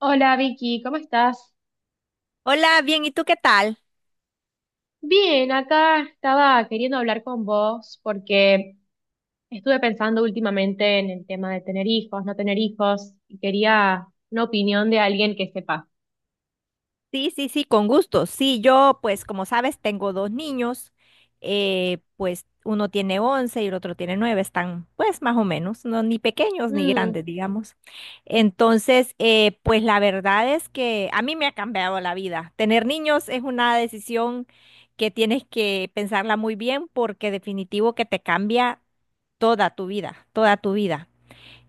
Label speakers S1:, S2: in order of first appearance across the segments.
S1: Hola Vicky, ¿cómo estás?
S2: Hola, bien, ¿y tú qué tal?
S1: Bien, acá estaba queriendo hablar con vos porque estuve pensando últimamente en el tema de tener hijos, no tener hijos, y quería una opinión de alguien que sepa.
S2: Sí, sí, sí, con gusto. Sí, yo, pues como sabes, tengo dos niños, pues uno tiene 11 y el otro tiene 9. Están pues más o menos, no ni pequeños ni
S1: Mm,
S2: grandes, digamos. Entonces, pues la verdad es que a mí me ha cambiado la vida. Tener niños es una decisión que tienes que pensarla muy bien porque definitivo que te cambia toda tu vida, toda tu vida.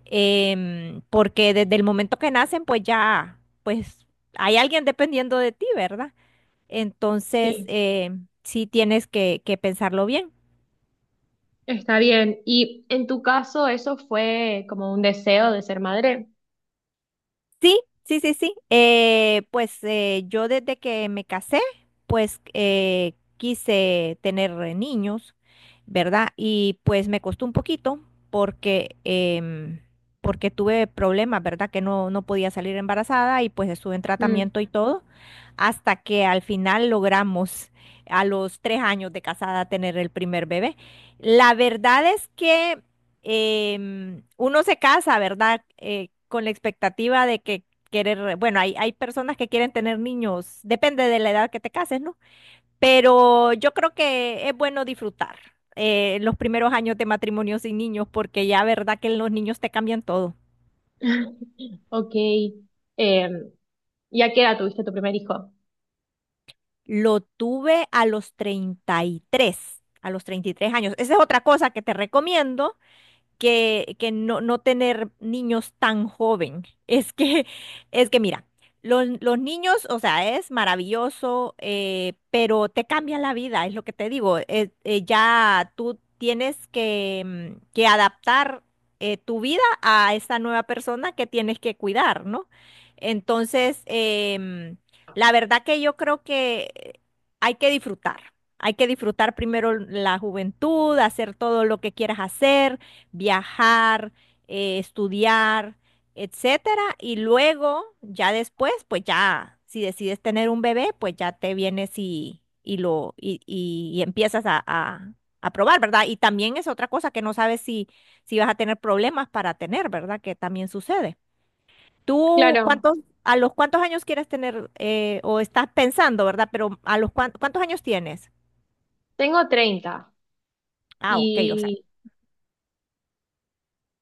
S2: Porque desde el momento que nacen, pues ya, pues hay alguien dependiendo de ti, ¿verdad? Entonces,
S1: sí,
S2: sí tienes que pensarlo bien.
S1: está bien. ¿Y en tu caso eso fue como un deseo de ser madre?
S2: Sí, sí, sí, sí. Pues yo desde que me casé, pues quise tener niños, ¿verdad? Y pues me costó un poquito porque, em, porque tuve problemas, ¿verdad? Que no, no podía salir embarazada y pues estuve en
S1: Mm,
S2: tratamiento y todo, hasta que al final logramos a los 3 años de casada tener el primer bebé. La verdad es que uno se casa, ¿verdad? Con la expectativa de que querer, bueno, hay personas que quieren tener niños, depende de la edad que te cases, ¿no? Pero yo creo que es bueno disfrutar los primeros años de matrimonio sin niños, porque ya, ¿verdad? Que los niños te cambian todo.
S1: ok. Em, ¿Y a qué edad tuviste tu primer hijo?
S2: Lo tuve a los 33, a los 33 años. Esa es otra cosa que te recomiendo que no, no tener niños tan joven. Es que mira, los niños, o sea, es maravilloso, pero te cambian la vida, es lo que te digo. Ya tú tienes que adaptar tu vida a esa nueva persona que tienes que cuidar, ¿no? Entonces, la verdad que yo creo que hay que disfrutar. Hay que disfrutar primero la juventud, hacer todo lo que quieras hacer, viajar, estudiar, etcétera. Y luego, ya después, pues ya, si decides tener un bebé, pues ya te vienes y empiezas a probar, ¿verdad? Y también es otra cosa que no sabes si, si vas a tener problemas para tener, ¿verdad? Que también sucede. ¿Tú
S1: Claro,
S2: cuántos, a los cuántos años quieres tener, o estás pensando, ¿verdad? Pero a los cuántos años tienes?
S1: tengo 30
S2: Ah, ok, o sea,
S1: y...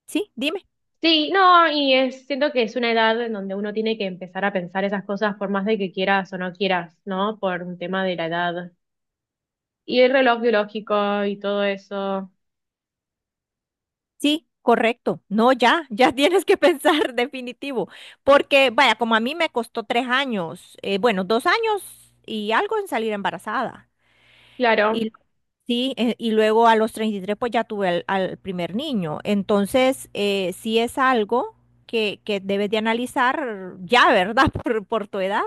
S2: sí, dime.
S1: Sí, no, siento que es una edad en donde uno tiene que empezar a pensar esas cosas por más de que quieras o no quieras, ¿no? Por un tema de la edad. Y el reloj biológico y todo eso.
S2: Sí, correcto. No, ya, ya tienes que pensar definitivo. Porque, vaya, como a mí me costó 3 años, bueno, 2 años y algo en salir embarazada.
S1: Claro,
S2: Y sí, y luego a los 33 pues ya tuve al primer niño. Entonces, sí es algo que debes de analizar ya, ¿verdad? Por tu edad.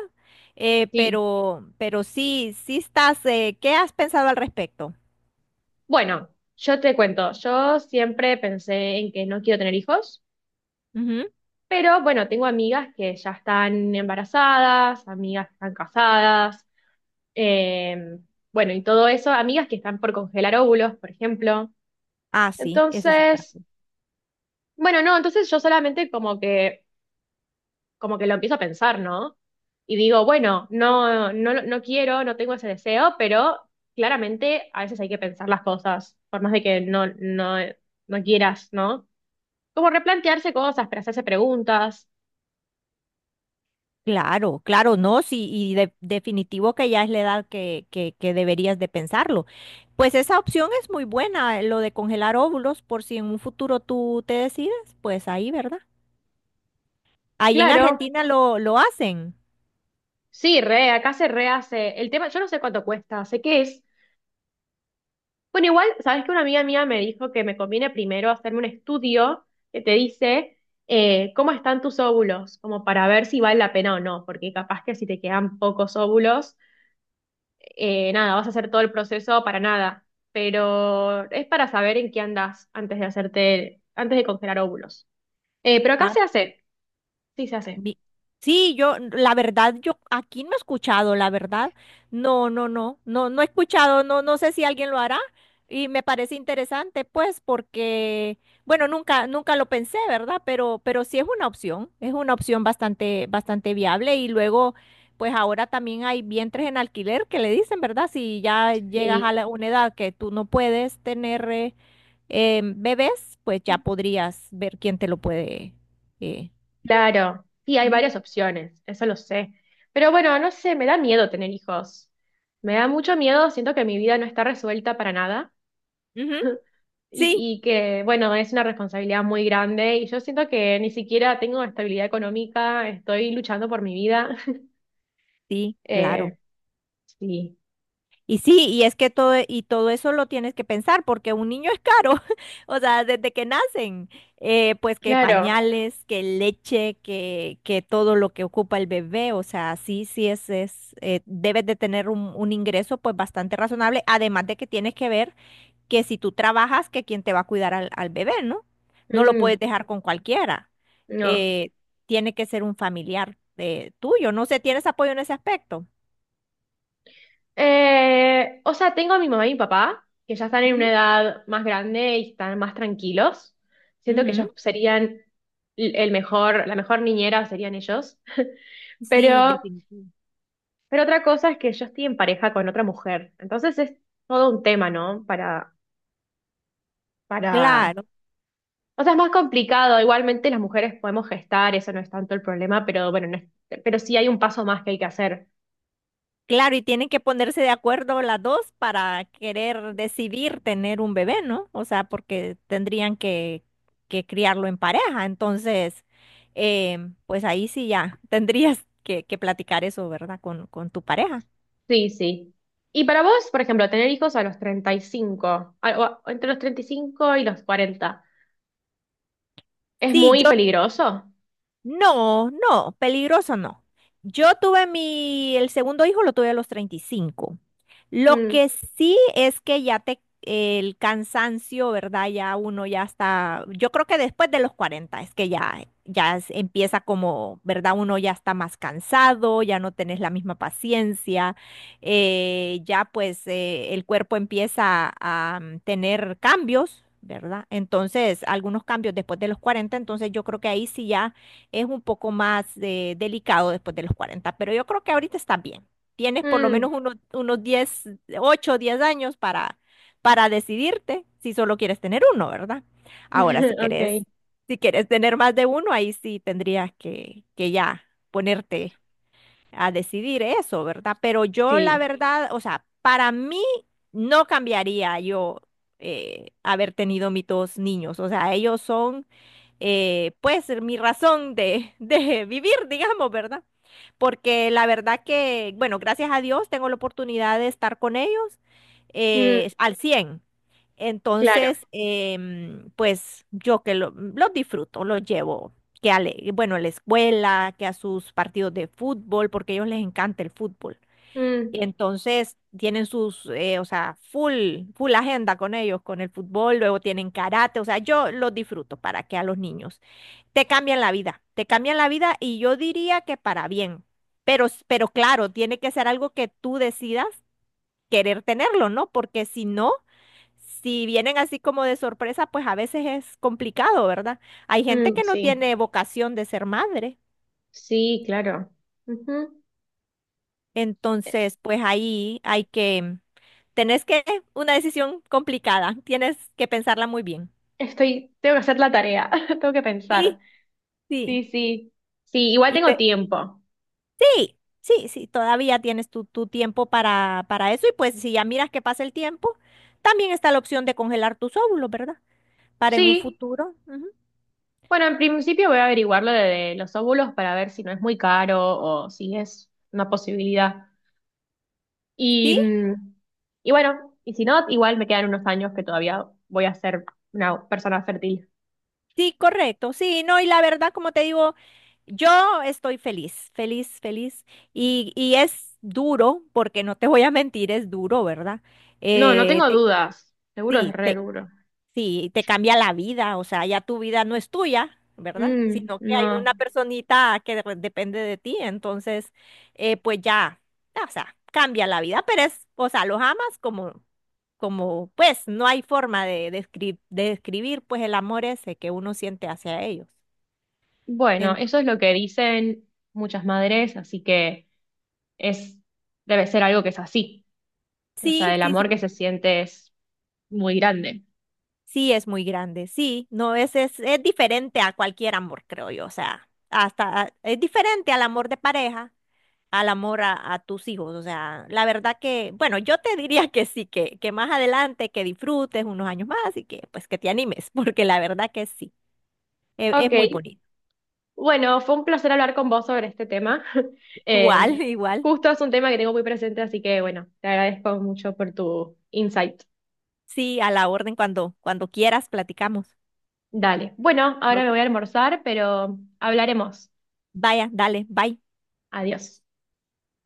S2: Eh,
S1: sí.
S2: pero, pero sí, sí estás, ¿qué has pensado al respecto?
S1: Bueno, yo te cuento, yo siempre pensé en que no quiero tener hijos,
S2: Ujú.
S1: pero bueno, tengo amigas que ya están embarazadas, amigas que están casadas, eh, bueno, y todo eso, amigas que están por congelar óvulos, por ejemplo.
S2: Ah, sí, ese es otra.
S1: Entonces, bueno, no, entonces yo solamente como que lo empiezo a pensar, ¿no? Y digo, bueno, no, no, no quiero, no tengo ese deseo, pero claramente a veces hay que pensar las cosas, por más de que no, no, no quieras, ¿no? Como replantearse cosas, pero hacerse preguntas.
S2: Claro, claro, no, sí, y definitivo que ya es la edad que deberías de pensarlo. Pues esa opción es muy buena, lo de congelar óvulos, por si en un futuro tú te decides, pues ahí, ¿verdad? Ahí en
S1: Claro,
S2: Argentina lo hacen.
S1: sí, re, acá se rehace. El tema, yo no sé cuánto cuesta, sé qué es. Bueno, igual, sabes que una amiga mía me dijo que me conviene primero hacerme un estudio que te dice cómo están tus óvulos, como para ver si vale la pena o no, porque capaz que si te quedan pocos óvulos, nada, vas a hacer todo el proceso para nada, pero es para saber en qué andas antes de hacerte, antes de congelar óvulos. Pero acá
S2: Ah,
S1: se hace.
S2: Vi- Sí, yo, la verdad, yo aquí no he escuchado, la verdad. No, no, no, no, no he escuchado, no, no sé si alguien lo hará y me parece interesante, pues, porque, bueno, nunca, nunca lo pensé, ¿verdad? Pero sí es una opción bastante, bastante viable y luego, pues ahora también hay vientres en alquiler que le dicen, ¿verdad? Si ya llegas a
S1: Sí,
S2: una edad que tú no puedes tener bebés, pues ya podrías ver quién te lo puede. eh,
S1: claro. Sí, hay
S2: Ujú.
S1: varias opciones, eso lo sé. Pero bueno, no sé, me da miedo tener hijos. Me da mucho miedo, siento que mi vida no está resuelta para nada
S2: Ujú. Sí,
S1: y, que, bueno, es una responsabilidad muy grande y yo siento que ni siquiera tengo estabilidad económica, estoy luchando por mi vida.
S2: sí, claro.
S1: Eh, sí,
S2: Y sí, y es que todo, y todo eso lo tienes que pensar, porque un niño es caro, o sea, desde que nacen, pues que
S1: claro.
S2: pañales, que leche, que todo lo que ocupa el bebé, o sea, sí, sí es, debes de tener un ingreso pues bastante razonable, además de que tienes que ver que si tú trabajas, que quién te va a cuidar al bebé, ¿no? No lo
S1: Mm.
S2: puedes dejar con cualquiera.
S1: No.
S2: Eh, Tiene que ser un familiar, tuyo, no sé, ¿tienes apoyo en ese aspecto?
S1: O sea, tengo a mi mamá y mi papá, que ya están en una edad más grande y están más tranquilos. Siento que ellos
S2: Ujú.
S1: serían el mejor, la mejor niñera serían ellos.
S2: Sí,
S1: Pero,
S2: definitivo.
S1: pero otra cosa es que yo estoy en pareja con otra mujer. Entonces es todo un tema, ¿no? Para, para.
S2: Claro,
S1: O sea, es más complicado. Igualmente las mujeres podemos gestar, eso no es tanto el problema, pero bueno, no es- pero sí hay un paso más que hay que hacer.
S2: claro, y tienen que ponerse de acuerdo las dos para querer decidir tener un bebé, ¿no? O sea, porque tendrían que criarlo en pareja. Entonces, eh, pues ahí sí ya tendrías que platicar eso, ¿verdad? Con tu pareja.
S1: Sí, sí. Y para vos, por ejemplo, tener hijos a los 35, entre los 35 y los 40, ¿es
S2: Sí,
S1: muy
S2: yo
S1: peligroso?
S2: no, no, peligroso no. Yo tuve el segundo hijo lo tuve a los 35. Lo
S1: Mm,
S2: que sí es que ya el cansancio, ¿verdad? Ya uno ya está, yo creo que después de los 40 es que ya empieza como, ¿verdad? Uno ya está más cansado, ya no tenés la misma paciencia, ya pues el cuerpo empieza a tener cambios. ¿Verdad? Entonces, algunos cambios después de los 40. Entonces yo creo que ahí sí ya es un poco más delicado después de los 40, pero yo creo que ahorita está bien. Tienes por lo
S1: mm,
S2: menos unos 10 8 o 10 años para, decidirte si solo quieres tener uno, ¿verdad? Ahora, si
S1: ok,
S2: quieres, tener más de uno, ahí sí tendrías que ya ponerte a decidir eso, ¿verdad? Pero yo la
S1: sí.
S2: verdad, o sea, para mí no cambiaría yo haber tenido mis dos niños, o sea, ellos son pues mi razón de, de vivir, digamos, ¿verdad? Porque la verdad que, bueno, gracias a Dios tengo la oportunidad de estar con ellos
S1: Mm,
S2: al 100.
S1: claro.
S2: Entonces, pues yo que los disfruto, los llevo, que bueno, a la escuela, que a sus partidos de fútbol, porque a ellos les encanta el fútbol.
S1: Mm,
S2: Y entonces tienen sus, o sea, full, full agenda con ellos, con el fútbol, luego tienen karate, o sea, yo los disfruto para que a los niños te cambian la vida, te cambian la vida y yo diría que para bien. Pero claro, tiene que ser algo que tú decidas querer tenerlo, ¿no? Porque si no, si vienen así como de sorpresa, pues a veces es complicado, ¿verdad? Hay gente
S1: mm,
S2: que no
S1: sí,
S2: tiene vocación de ser madre.
S1: sí, claro. Ujú. Eh,
S2: Entonces, pues ahí hay que, tenés que, una decisión complicada, tienes que pensarla muy bien.
S1: Estoy, tengo que hacer la tarea, tengo que pensar.
S2: Sí, sí.
S1: Sí, sí. Sí, igual
S2: Y
S1: tengo
S2: ve-
S1: tiempo.
S2: Sí, sí, sí, todavía tienes tu tiempo para, eso y pues si ya miras que pasa el tiempo, también está la opción de congelar tus óvulos, ¿verdad? Para en un
S1: Sí.
S2: futuro. Ujú.
S1: Bueno, en principio voy a averiguar lo de los óvulos para ver si no es muy caro o si es una posibilidad. Y,
S2: Sí,
S1: mm, y bueno, y si no, igual me quedan unos años que todavía voy a ser una persona fértil.
S2: sí, correcto. Sí, no, y la verdad, como te digo, yo estoy feliz, feliz, feliz. Y es duro, porque no te voy a mentir, es duro, ¿verdad?
S1: No, no
S2: Eh,
S1: tengo
S2: te-
S1: dudas. Seguro es
S2: sí,
S1: re
S2: te,
S1: duro.
S2: Sí, te cambia la vida, o sea, ya tu vida no es tuya, ¿verdad?
S1: Mm,
S2: Sino que hay
S1: no.
S2: una personita que depende de ti, entonces, pues ya, o sea, cambia la vida, pero es, o sea, los amas como, como, pues, no hay forma de describir, pues, el amor ese que uno siente hacia ellos.
S1: Bueno,
S2: Ento-
S1: eso es lo que dicen muchas madres, así que es, debe ser algo que es así. O sea,
S2: sí,
S1: el
S2: sí,
S1: amor
S2: sí,
S1: que se siente es muy grande.
S2: sí, es muy grande, sí, no, es diferente a cualquier amor, creo yo, o sea, hasta es diferente al amor de pareja. Al amor a tus hijos. O sea, la verdad que, bueno, yo te diría que sí, que más adelante, que disfrutes unos años más y que pues que te animes, porque la verdad que sí, es
S1: Ok,
S2: muy bonito.
S1: bueno, fue un placer hablar con vos sobre este tema.
S2: Igual,
S1: Eh,
S2: igual.
S1: justo es un tema que tengo muy presente, así que bueno, te agradezco mucho por tu insight.
S2: Sí, a la orden cuando quieras, platicamos.
S1: Dale. Bueno, ahora me
S2: Ok.
S1: voy a almorzar, pero hablaremos.
S2: Vaya, dale, bye.
S1: Adiós.